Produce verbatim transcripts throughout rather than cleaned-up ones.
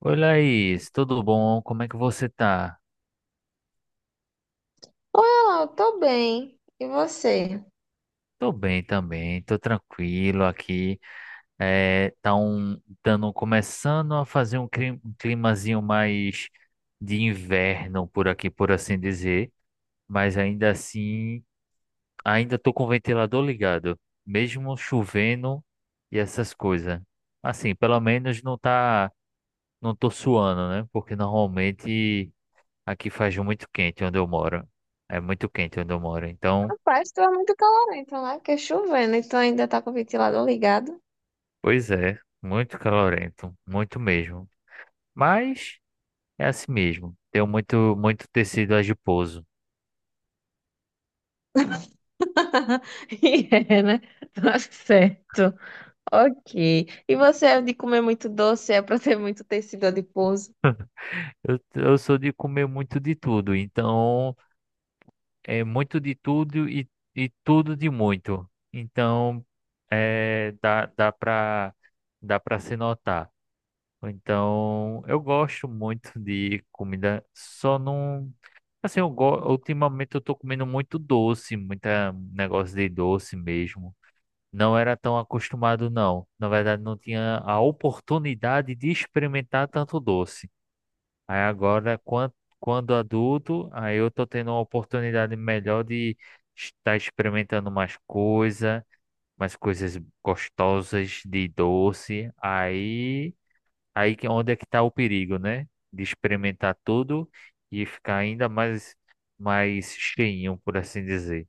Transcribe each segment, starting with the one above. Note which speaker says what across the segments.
Speaker 1: Oi, Laís, tudo bom? Como é que você tá?
Speaker 2: Oi, Alau, tô bem. E você?
Speaker 1: Tô bem também, tô tranquilo aqui. É, tá um, dando, começando a fazer um clim- um climazinho mais de inverno por aqui, por assim dizer, mas ainda assim, ainda tô com o ventilador ligado, mesmo chovendo e essas coisas. Assim, pelo menos não tá, não tô suando, né? Porque normalmente aqui faz muito quente onde eu moro. É muito quente onde eu moro, então.
Speaker 2: Rapaz, tu é muito calorento, né? Porque é chovendo, então ainda tá com o ventilador ligado.
Speaker 1: Pois é, muito calorento, muito mesmo. Mas é assim mesmo. Tenho muito, muito tecido adiposo.
Speaker 2: E é, né? Tá certo. Ok. E você é de comer muito doce, é pra ter muito tecido adiposo.
Speaker 1: Eu, eu sou de comer muito de tudo, então é muito de tudo e, e tudo de muito. Então é, dá, dá para dá para se notar. Então eu gosto muito de comida, só não. Assim, eu go- ultimamente eu tô comendo muito doce, muita um negócio de doce mesmo. Não era tão acostumado, não. Na verdade, não tinha a oportunidade de experimentar tanto doce. Aí agora, quan- quando adulto, aí eu tô tendo uma oportunidade melhor de estar experimentando mais coisa, mais coisas gostosas de doce. Aí, aí que é onde é que tá o perigo, né? De experimentar tudo e ficar ainda mais mais cheinho, por assim dizer.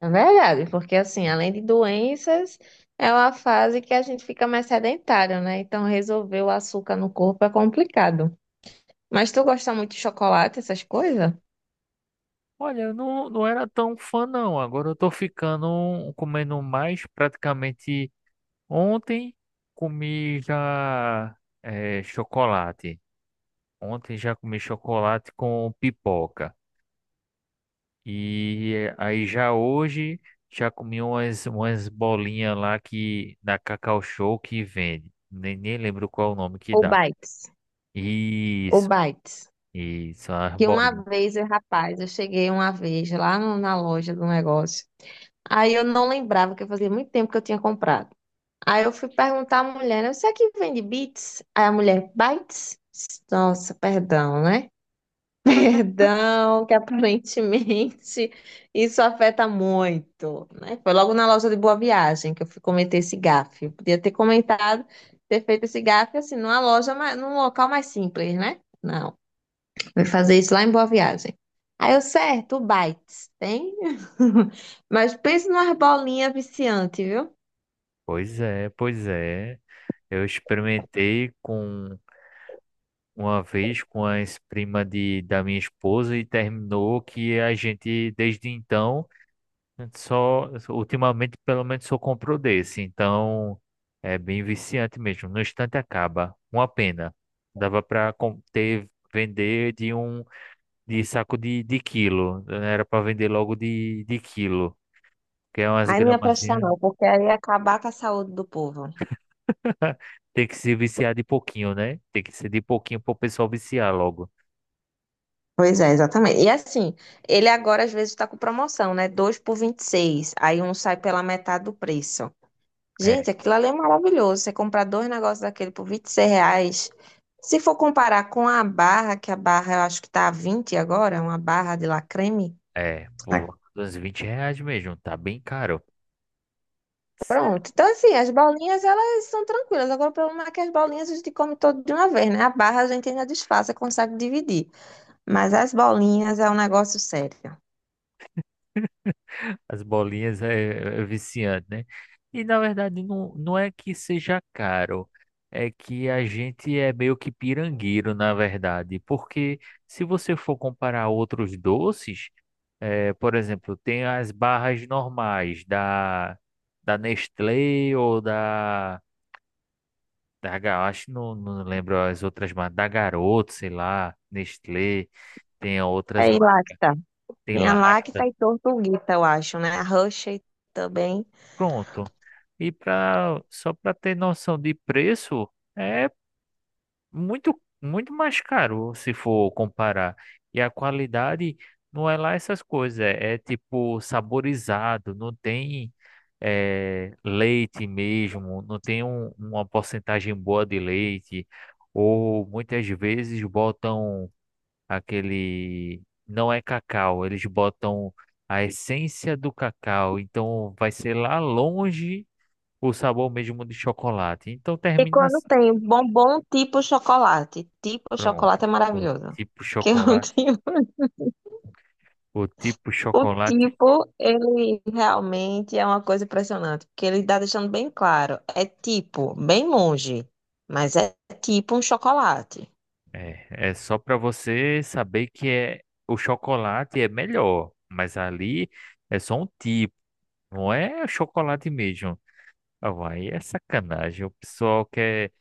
Speaker 2: É verdade, porque assim, além de doenças, é uma fase que a gente fica mais sedentário, né? Então resolver o açúcar no corpo é complicado. Mas tu gosta muito de chocolate, essas coisas?
Speaker 1: Olha, eu não, não era tão fã não. Agora eu tô ficando um, comendo mais. Praticamente ontem comi já eh, chocolate. Ontem já comi chocolate com pipoca. E eh, aí já hoje já comi umas, umas bolinhas lá que na Cacau Show que vende. Nem, nem lembro qual o nome que
Speaker 2: Ou
Speaker 1: dá.
Speaker 2: bites? Ou
Speaker 1: Isso,
Speaker 2: bites?
Speaker 1: isso, as
Speaker 2: Que uma
Speaker 1: bolinhas.
Speaker 2: vez, eh, rapaz, eu cheguei uma vez lá no- na loja do negócio. Aí eu não lembrava que eu fazia muito tempo que eu tinha comprado. Aí eu fui perguntar à mulher, né? Isso aqui vende bits? Aí a mulher, bites? Nossa, perdão, né? Perdão, que aparentemente isso afeta muito, né? Foi logo na loja de Boa Viagem que eu fui cometer esse gafe. Eu podia ter comentado, ter feito esse gafe assim, numa loja, mais, num local mais simples, né? Não. Vai fazer isso lá em Boa Viagem. Aí eu, certo, o Bites, tem? Mas pensa numa bolinha viciante, viu?
Speaker 1: Pois é, pois é. Eu experimentei com uma vez com a ex-prima de, da minha esposa e terminou que a gente, desde então, só ultimamente pelo menos só comprou desse. Então é bem viciante mesmo. No instante acaba. Uma pena. Dava para ter vender de um de saco de, de quilo. Era para vender logo de, de quilo. Que é umas
Speaker 2: Aí não ia prestar
Speaker 1: gramazinhas.
Speaker 2: não, porque aí ia acabar com a saúde do povo.
Speaker 1: Tem que se viciar de pouquinho, né? Tem que ser de pouquinho para o pessoal viciar logo.
Speaker 2: Pois é, exatamente. E assim, ele agora às vezes está com promoção, né? Dois por vinte e seis. Aí um sai pela metade do preço.
Speaker 1: É.
Speaker 2: Gente, aquilo ali é maravilhoso. Você comprar dois negócios daquele por vinte e seis reais. Se for comparar com a barra, que a barra eu acho que tá a vinte agora, uma barra de lacreme.
Speaker 1: É,
Speaker 2: Ah,
Speaker 1: por uns vinte reais mesmo, tá bem caro.
Speaker 2: pronto. Então, assim, as bolinhas, elas são tranquilas. Agora, o problema é que as bolinhas a gente come todo de uma vez, né? A barra a gente ainda desfaz, consegue dividir. Mas as bolinhas é um negócio sério.
Speaker 1: As bolinhas é, é é viciante, né? E na verdade não, não é que seja caro, é que a gente é meio que pirangueiro, na verdade, porque se você for comparar outros doces, é, por exemplo, tem as barras normais da, da Nestlé ou da, da, Ga- acho que não, não lembro as outras, mas da Garoto, sei lá, Nestlé, tem outras
Speaker 2: É e Lacta.
Speaker 1: tem
Speaker 2: Tinha
Speaker 1: lacta,
Speaker 2: Lacta e Tortuguita, eu acho, né? A Hershey também.
Speaker 1: pronto. E para só para ter noção de preço, é muito muito mais caro se for comparar. E a qualidade não é lá essas coisas, é, é tipo saborizado, não tem eh, leite mesmo, não tem um- uma porcentagem boa de leite, ou muitas vezes botam aquele. Não é cacau, eles botam a essência do cacau, então vai ser lá longe o sabor mesmo de chocolate. Então termina
Speaker 2: Quando
Speaker 1: assim.
Speaker 2: tem bombom tipo chocolate. Tipo
Speaker 1: Pronto.
Speaker 2: chocolate é
Speaker 1: O
Speaker 2: maravilhoso.
Speaker 1: tipo
Speaker 2: Que eu
Speaker 1: chocolate.
Speaker 2: tenho.
Speaker 1: O tipo
Speaker 2: O
Speaker 1: chocolate
Speaker 2: tipo, ele realmente é uma coisa impressionante. Porque ele está deixando bem claro. É tipo, bem longe. Mas é tipo um chocolate.
Speaker 1: é, é só para você saber que é o chocolate é melhor, mas ali é só um tipo, não é chocolate mesmo. Ah, vai, é sacanagem. O pessoal quer,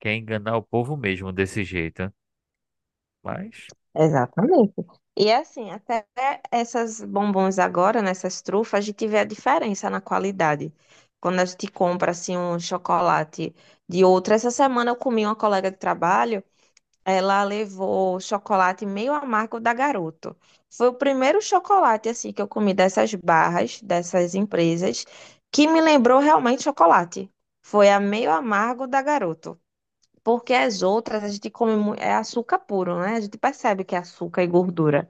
Speaker 1: quer enganar o povo mesmo desse jeito, né? Mas.
Speaker 2: Exatamente. E é assim, até essas bombons agora, nessas trufas, a gente vê a diferença na qualidade. Quando a gente compra assim um chocolate de outra. Essa semana eu comi uma colega de trabalho. Ela levou chocolate meio amargo da Garoto. Foi o primeiro chocolate assim que eu comi dessas barras, dessas empresas, que me lembrou realmente chocolate. Foi a meio amargo da Garoto. Porque as outras a gente come mu- é açúcar puro, né? A gente percebe que é açúcar e gordura.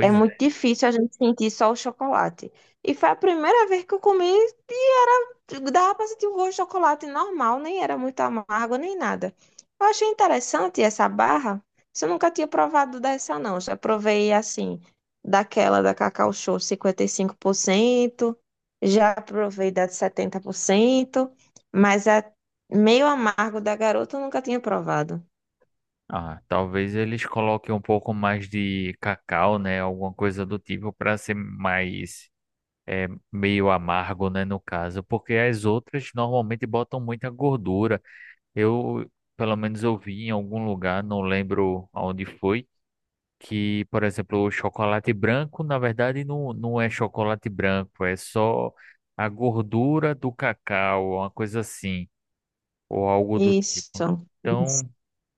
Speaker 2: É muito difícil a gente sentir só o chocolate. E foi a primeira vez que eu comi e era, dava pra sentir o gosto de chocolate normal, nem era muito amargo nem nada. Eu achei interessante essa barra. Isso. Eu nunca tinha provado dessa, não. Já provei assim, daquela da Cacau Show cinquenta e cinco por cento, já provei da de setenta por cento, mas a meio amargo da garota eu nunca tinha provado.
Speaker 1: Ah, talvez eles coloquem um pouco mais de cacau, né? Alguma coisa do tipo para ser mais é, meio amargo, né? No caso, porque as outras normalmente botam muita gordura. Eu, pelo menos, eu vi em algum lugar, não lembro aonde foi, que, por exemplo, o chocolate branco, na verdade, não, não é chocolate branco, é só a gordura do cacau, uma coisa assim, ou algo do tipo.
Speaker 2: Isso.
Speaker 1: Então,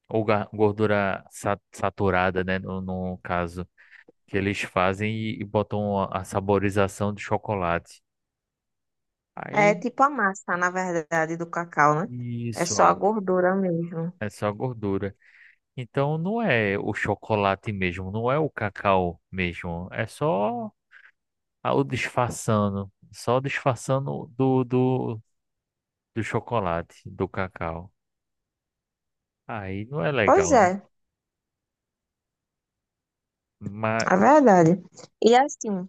Speaker 1: ou ga- gordura sa- saturada, né? No, no caso, que eles fazem e, e botam a, a saborização de chocolate.
Speaker 2: É
Speaker 1: Aí,
Speaker 2: tipo a massa, na verdade, do cacau, né? É
Speaker 1: isso,
Speaker 2: só
Speaker 1: ah,
Speaker 2: a gordura mesmo.
Speaker 1: é só gordura. Então, não é o chocolate mesmo, não é o cacau mesmo. É só a- o disfarçando, só disfarçando do, do, do chocolate, do cacau. Aí não é
Speaker 2: Pois
Speaker 1: legal, né?
Speaker 2: é,
Speaker 1: Mas
Speaker 2: é verdade. E assim,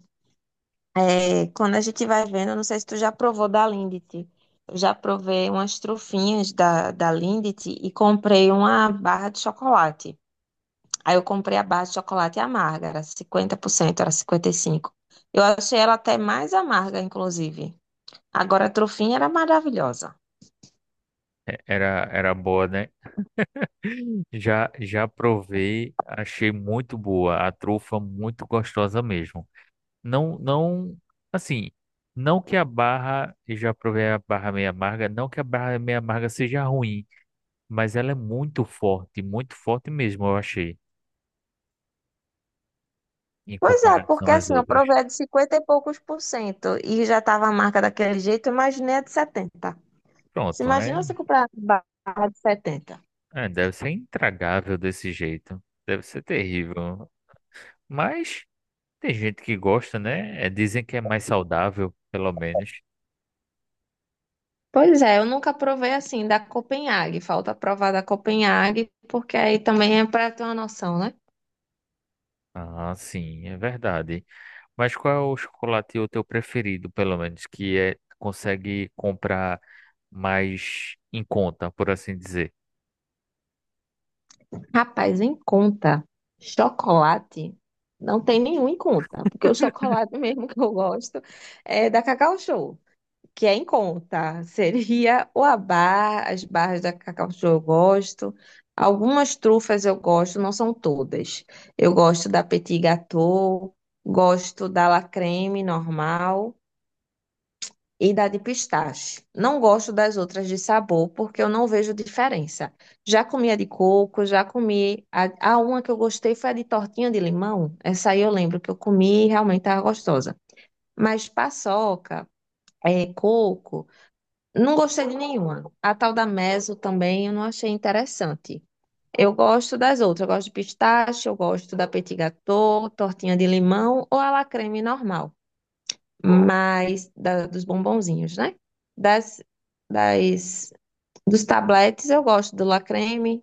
Speaker 2: é, quando a gente vai vendo, não sei se tu já provou da Lindt. Eu já provei umas trufinhas da, da Lindt e comprei uma barra de chocolate. Aí eu comprei a barra de chocolate amarga, era cinquenta por cento, era cinquenta e cinco por cento. Eu achei ela até mais amarga, inclusive. Agora a trufinha era maravilhosa.
Speaker 1: é- era, era boa, né? Já, já provei, achei muito boa, a trufa muito gostosa mesmo. Não, não, assim, não que a barra, eu já provei a barra meio amarga, não que a barra meio amarga seja ruim, mas ela é muito forte, muito forte mesmo, eu achei, em
Speaker 2: Pois é,
Speaker 1: comparação
Speaker 2: porque
Speaker 1: às
Speaker 2: assim, eu
Speaker 1: outras.
Speaker 2: provei a de cinquenta e poucos por cento e já estava a marca daquele jeito, eu imaginei a de setenta. Se
Speaker 1: Pronto, é,
Speaker 2: imagina você comprar a barra de setenta.
Speaker 1: é, deve ser intragável desse jeito, deve ser terrível. Mas tem gente que gosta, né? É, dizem que é mais saudável, pelo menos.
Speaker 2: Pois é, eu nunca provei assim da Copenhague. Falta provar da Copenhague, porque aí também é para ter uma noção, né?
Speaker 1: Ah, sim, é verdade. Mas qual é o chocolate o teu preferido, pelo menos, que é consegue comprar mais em conta, por assim dizer?
Speaker 2: Rapaz, em conta, chocolate não tem nenhum em conta, porque o chocolate mesmo que eu gosto é da Cacau Show. Que é em conta. Seria o abá, as barras da Cacau Show eu gosto. Algumas trufas eu gosto, não são todas. Eu gosto da Petit Gâteau, gosto da La Creme normal e da de pistache. Não gosto das outras de sabor porque eu não vejo diferença. Já comi a de coco, já comi a, a uma que eu gostei foi a de tortinha de limão. Essa aí eu lembro que eu comi e realmente estava gostosa. Mas paçoca, é, coco não gostei de nenhuma. A tal da Meso também eu não achei interessante. Eu gosto das outras. Eu gosto de pistache, eu gosto da petit gâteau, tortinha de limão ou a la creme normal. Mas da- dos bombonzinhos, né? Das, das, dos tabletes eu gosto do la creme,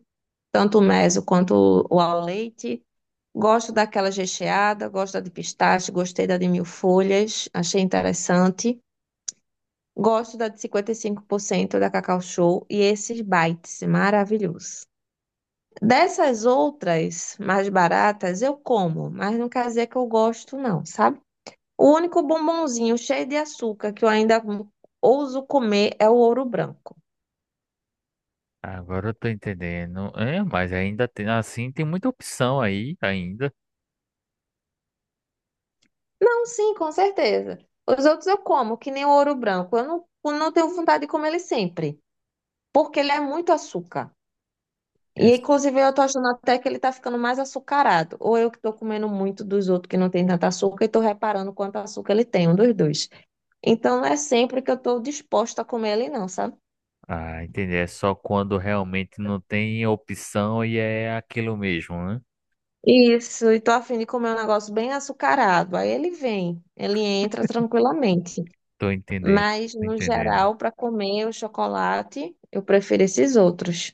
Speaker 2: tanto o Meso quanto o ao leite. Gosto daquela recheada, gosto da de pistache, gostei da de mil folhas, achei interessante. Gosto da de cinquenta e cinco por cento da Cacau Show e esses bites, maravilhosos. Dessas outras mais baratas eu como, mas não quer dizer que eu gosto não, sabe? O único bombonzinho cheio de açúcar que eu ainda ouso comer é o ouro branco.
Speaker 1: Agora eu tô entendendo. É, mas ainda tem assim, tem muita opção aí ainda.
Speaker 2: Não, sim, com certeza. Os outros eu como, que nem o ouro branco. Eu não, não tenho vontade de comer ele sempre, porque ele é muito açúcar.
Speaker 1: É,
Speaker 2: E
Speaker 1: s-
Speaker 2: inclusive eu tô achando até que ele tá ficando mais açucarado. Ou eu que tô comendo muito dos outros que não tem tanto açúcar e tô reparando quanto açúcar ele tem, um dos dois. Então não é sempre que eu tô disposta a comer ele não, sabe?
Speaker 1: ah, entendi. É só quando realmente não tem opção e é aquilo mesmo, né?
Speaker 2: Isso, e tô a fim de comer um negócio bem açucarado. Aí ele vem, ele entra tranquilamente.
Speaker 1: Tô entendendo.
Speaker 2: Mas
Speaker 1: Tô
Speaker 2: no
Speaker 1: entendendo.
Speaker 2: geral, para comer o chocolate, eu prefiro esses outros.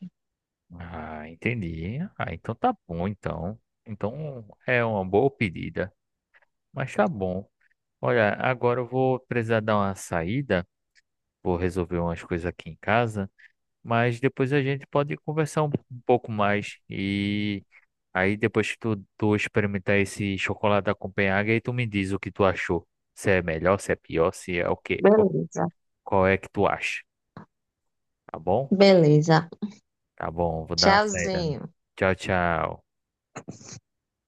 Speaker 1: Ah, entendi. Ah, então tá bom, então. Então é uma boa pedida. Mas tá bom. Olha, agora eu vou precisar dar uma saída, vou resolver umas coisas aqui em casa, mas depois a gente pode conversar um um pouco mais e aí depois que tu, tu experimentar esse chocolate da Copenhague, aí tu me diz o que tu achou. Se é melhor, se é pior, se é o quê, o-
Speaker 2: Beleza.
Speaker 1: qual é que tu acha, tá bom?
Speaker 2: Beleza.
Speaker 1: Tá bom, vou dar uma saída.
Speaker 2: Tchauzinho.
Speaker 1: Tchau, tchau.